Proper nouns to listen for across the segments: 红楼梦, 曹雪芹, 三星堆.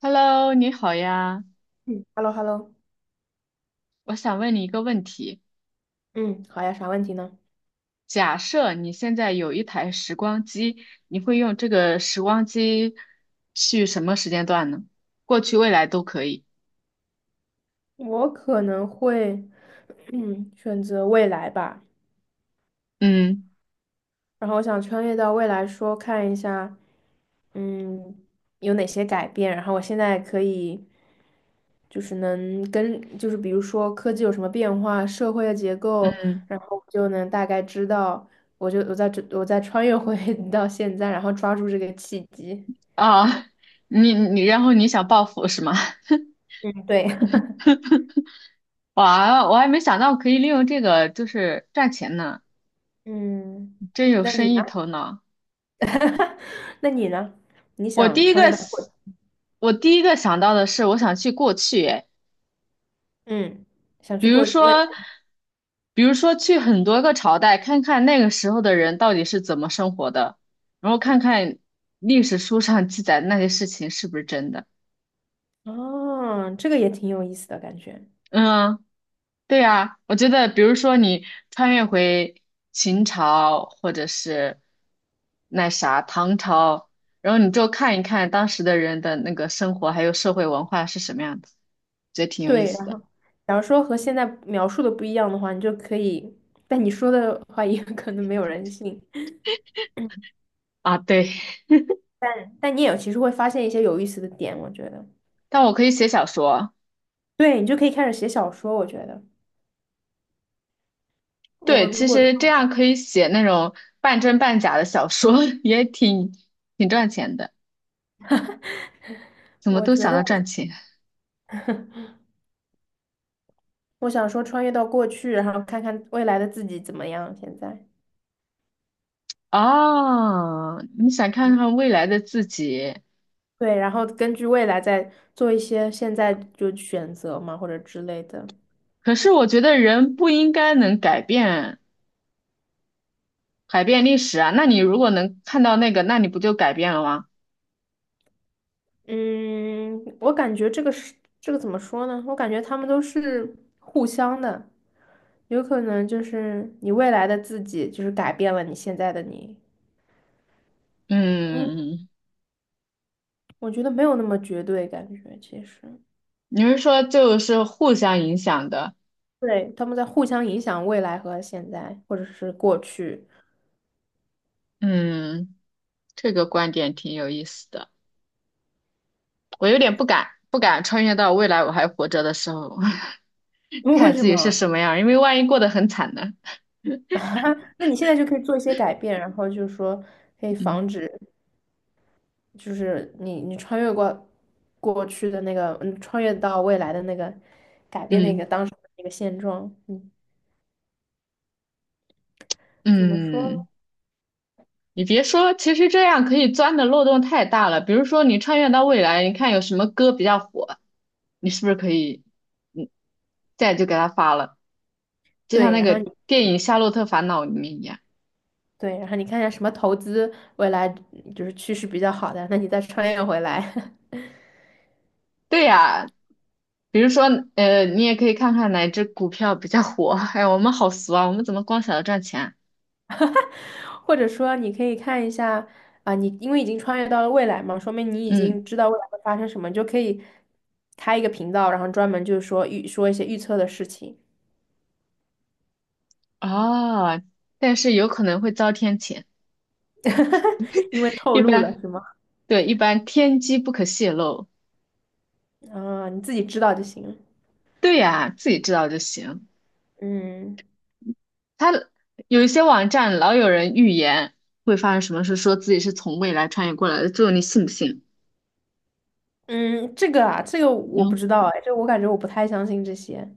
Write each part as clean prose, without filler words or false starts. Hello，你好呀，嗯，hello hello。我想问你一个问题：嗯，好呀，啥问题呢？假设你现在有一台时光机，你会用这个时光机去什么时间段呢？过去、未来都可以。我可能会，选择未来吧。嗯然后我想穿越到未来说，看一下，嗯，有哪些改变。然后我现在可以，就是能跟，就是比如说科技有什么变化，社会的结构，嗯然后我就能大概知道。我就我在这，我在穿越回 到现在，然后抓住这个契机。啊，然后你想报复是吗？嗯，对，哇，我还没想到可以利用这个就是赚钱呢，嗯，真有那你生呢？意头脑。哈哈，那你呢？你我第想一个，穿越到，我第一个想到的是我想去过去。哎，嗯，想比去如过未，说，比如说去很多个朝代，看看那个时候的人到底是怎么生活的，然后看看历史书上记载的那些事情是不是真的。哦，这个也挺有意思的感觉。嗯，对呀，我觉得，比如说你穿越回秦朝，或者是那啥唐朝，然后你就看一看当时的人的那个生活还有社会文化是什么样的，觉得挺有意对，思然的后假如说和现在描述的不一样的话，你就可以，但你说的话也 可能没有人信，啊。对，但你也其实会发现一些有意思的点，我觉得。但我可以写小说。对，你就可以开始写小说，我觉得。我对，如其果穿，实这样可以写那种半真半假的小说，也挺赚钱的。怎么我都觉想得到我赚钱。我想说穿越到过去，然后看看未来的自己怎么样，现在。哦？你想看看未来的自己。对，然后根据未来再做一些现在就选择嘛，或者之类的。可是我觉得人不应该能改变历史啊。那你如果能看到那个，那你不就改变了吗？嗯，我感觉这个怎么说呢？我感觉他们都是互相的，有可能就是你未来的自己就是改变了你现在的你。嗯，我觉得没有那么绝对，感觉其实，你是说就是互相影响的？对，他们在互相影响未来和现在，或者是过去。嗯，这个观点挺有意思的。我有点不敢穿越到未来我还活着的时候。为看什自己是么？什么样儿，因为万一过得很惨呢。那你现在就可以做一些改变，然后就是说可以防嗯止。就是你穿越过过去的那个，穿越到未来的那个，改变那个嗯当时的那个现状，怎么说嗯。呢。你别说，其实这样可以钻的漏洞太大了。比如说，你穿越到未来，你看有什么歌比较火，你是不是可以嗯再就给他发了？就像对，那然后个你电影《夏洛特烦恼》里面一样。对，然后你看一下什么投资未来就是趋势比较好的，那你再穿越回来，对呀，比如说你也可以看看哪只股票比较火。哎，我们好俗啊，我们怎么光想着赚钱啊。 或者说你可以看一下啊，你因为已经穿越到了未来嘛，说明你已嗯，经知道未来会发生什么，你就可以开一个频道，然后专门就是说一些预测的事情，哦，但是有可能会遭天谴，因为透一露了般。是吗？对，一般天机不可泄露。啊，你自己知道就行了。对呀，自己知道就行。嗯他有一些网站老有人预言会发生什么事，说自己是从未来穿越过来的，最后你信不信？嗯，这个我不嗯，知道哎，这个我感觉我不太相信这些。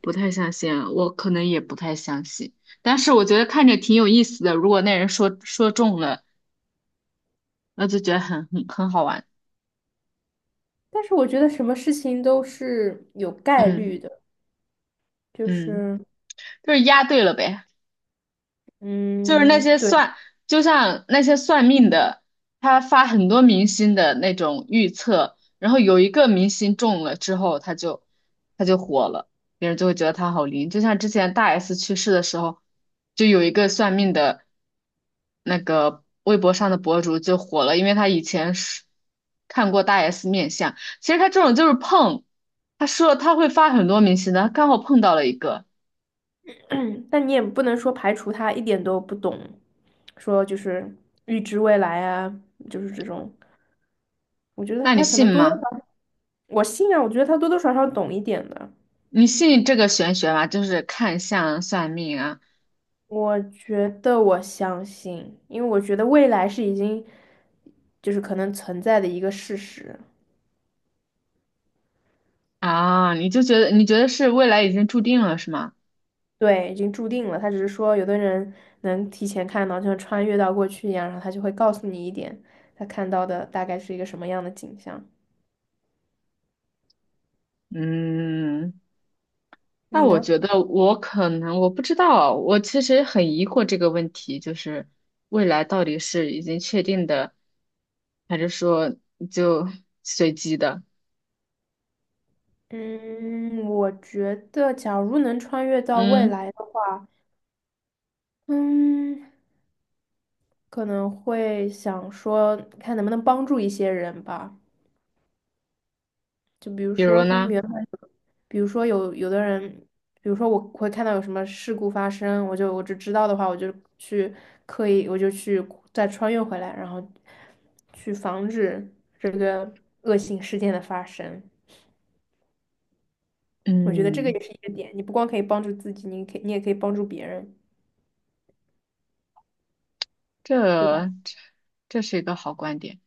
不太相信啊，我可能也不太相信。但是我觉得看着挺有意思的，如果那人说中了，那就觉得很好玩。但是我觉得什么事情都是有概嗯率的，就嗯，是，就是押对了呗。就是那嗯，些对，算，就像那些算命的，他发很多明星的那种预测，然后有一个明星中了之后，他就火了，别人就会觉得他好灵。就像之前大 S 去世的时候，就有一个算命的那个微博上的博主就火了，因为他以前是看过大 S 面相。其实他这种就是碰，他说他会发很多明星的，他刚好碰到了一个，但你也不能说排除他一点都不懂，说就是预知未来啊，就是这种。我觉得那你他可信能多多吗？少少，我信啊，我觉得他多多少少懂一点的。你信这个玄学吗？就是看相、算命啊。我觉得我相信，因为我觉得未来是已经就是可能存在的一个事实。啊！你就觉得你觉得是未来已经注定了是吗？对，已经注定了。他只是说，有的人能提前看到，就像穿越到过去一样，然后他就会告诉你一点他看到的大概是一个什么样的景象。嗯，那你我呢？觉得我可能我不知道，我其实很疑惑这个问题，就是未来到底是已经确定的，还是说就 随机的？嗯，我觉得假如能穿越到未嗯，来的话，嗯，可能会想说，看能不能帮助一些人吧。就比如比说如他们呢？原本，比如说有的人，比如说我会看到有什么事故发生，我只知道的话，我就去刻意，我就去再穿越回来，然后去防止这个恶性事件的发生。我觉得这个嗯，也是一个点，你不光可以帮助自己，你也可以帮助别人，对吧？这这是一个好观点。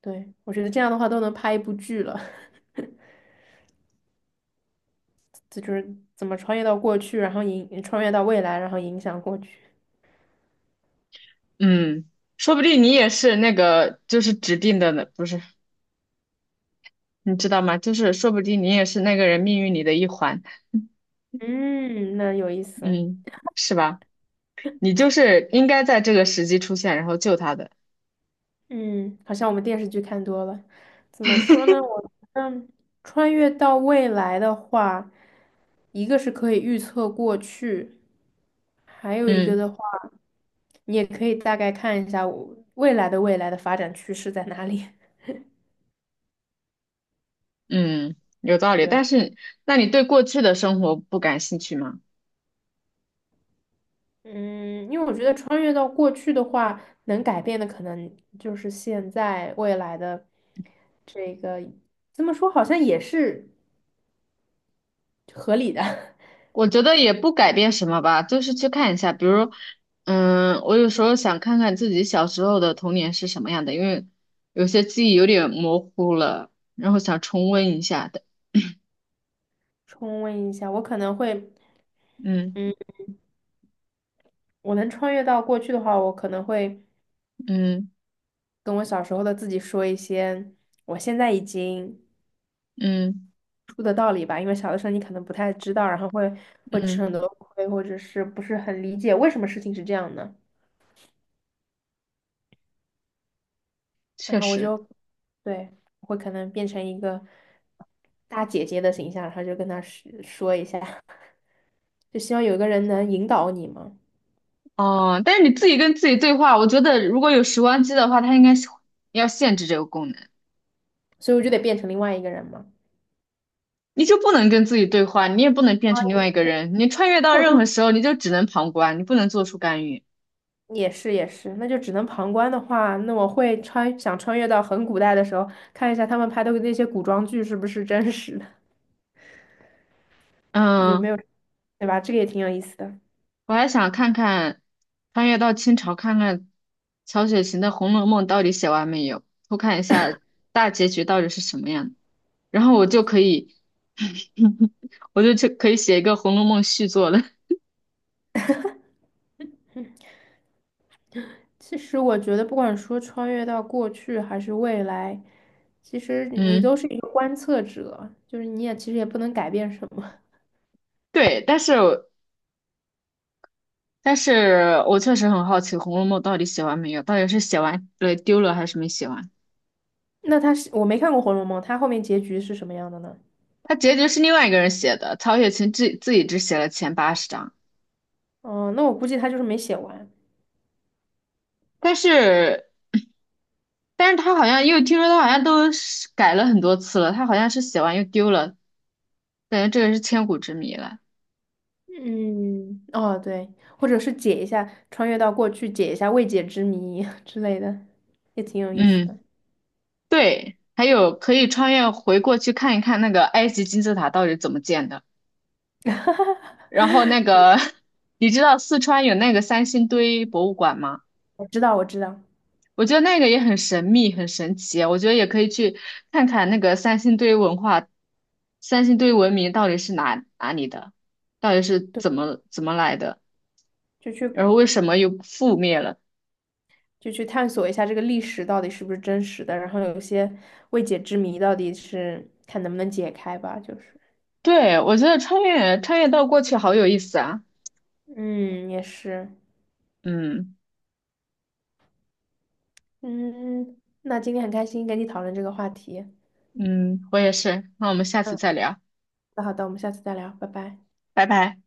对，我觉得这样的话都能拍一部剧了，这就是怎么穿越到过去，然后穿越到未来，然后影响过去。嗯，说不定你也是那个就是指定的呢，不是。你知道吗？就是说不定你也是那个人命运里的一环，嗯，那有意思。嗯，是吧？你就是应该在这个时机出现，然后救他的。嗯，好像我们电视剧看多了。怎么说呢？穿越到未来的话，一个是可以预测过去，还有一个嗯的话，你也可以大概看一下我未来的发展趋势在哪里。嗯，有道理。觉得，但是，那你对过去的生活不感兴趣吗？嗯，因为我觉得穿越到过去的话，能改变的可能就是现在未来的这个，这么说好像也是合理的。我觉得也不改变什么吧，就是去看一下，比如，嗯，我有时候想看看自己小时候的童年是什么样的，因为有些记忆有点模糊了，然后想重温一下的。重温一下，我可能会。嗯我能穿越到过去的话，我可能会嗯跟我小时候的自己说一些我现在已经嗯出的道理吧，因为小的时候你可能不太知道，然后会吃很嗯，多亏，或者是不是很理解为什么事情是这样的，然确后实。对，我会可能变成一个大姐姐的形象，然后就跟她说说一下，就希望有一个人能引导你嘛，哦，但是你自己跟自己对话，我觉得如果有时光机的话，它应该是要限制这个功能，所以我就得变成另外一个人嘛。你就不能跟自己对话，你也不能变成另外一个人，你穿越到那我任何就。时候，你就只能旁观，你不能做出干预。也是也是，那就只能旁观的话，那我会想穿越到很古代的时候，看一下他们拍的那些古装剧是不是真实的，有没嗯，有，对吧？这个也挺有意思的。我还想看看穿越到清朝，看看曹雪芹的《红楼梦》到底写完没有，偷看一下大结局到底是什么样的，然后我就可以，我就去可以写一个《红楼梦》续作了。其实我觉得，不管说穿越到过去还是未来，其实你都嗯，是一个观测者，就是你也其实也不能改变什么。对，但是。但是我确实很好奇《红楼梦》到底写完没有，到底是写完了丢了还是没写完？那他是，我没看过《红楼梦》，他后面结局是什么样的呢？它结局是另外一个人写的，曹雪芹自己只写了前80章。嗯、那我估计他就是没写完。但是但是他好像又听说他好像都是改了很多次了，他好像是写完又丢了，感觉这个是千古之谜了。嗯，哦，对，或者是解一下，穿越到过去解一下未解之谜 之类的，也挺有意思的。嗯，对，还有可以穿越回过去看一看那个埃及金字塔到底怎么建的，然后那 个 你知道四川有那个三星堆博物馆吗？我知道，我知道，我觉得那个也很神秘，很神奇啊。我觉得也可以去看看那个三星堆文化，三星堆文明到底是哪里的，到底是对，怎么来的，就去然后为什么又覆灭了？就去探索一下这个历史到底是不是真实的，然后有些未解之谜到底是看能不能解开吧，就是，对，我觉得穿越到过去好有意思啊。嗯，也是，嗯嗯，那今天很开心跟你讨论这个话题，嗯，我也是。那我们下次嗯，再聊，那好的，我们下次再聊，拜拜。拜拜。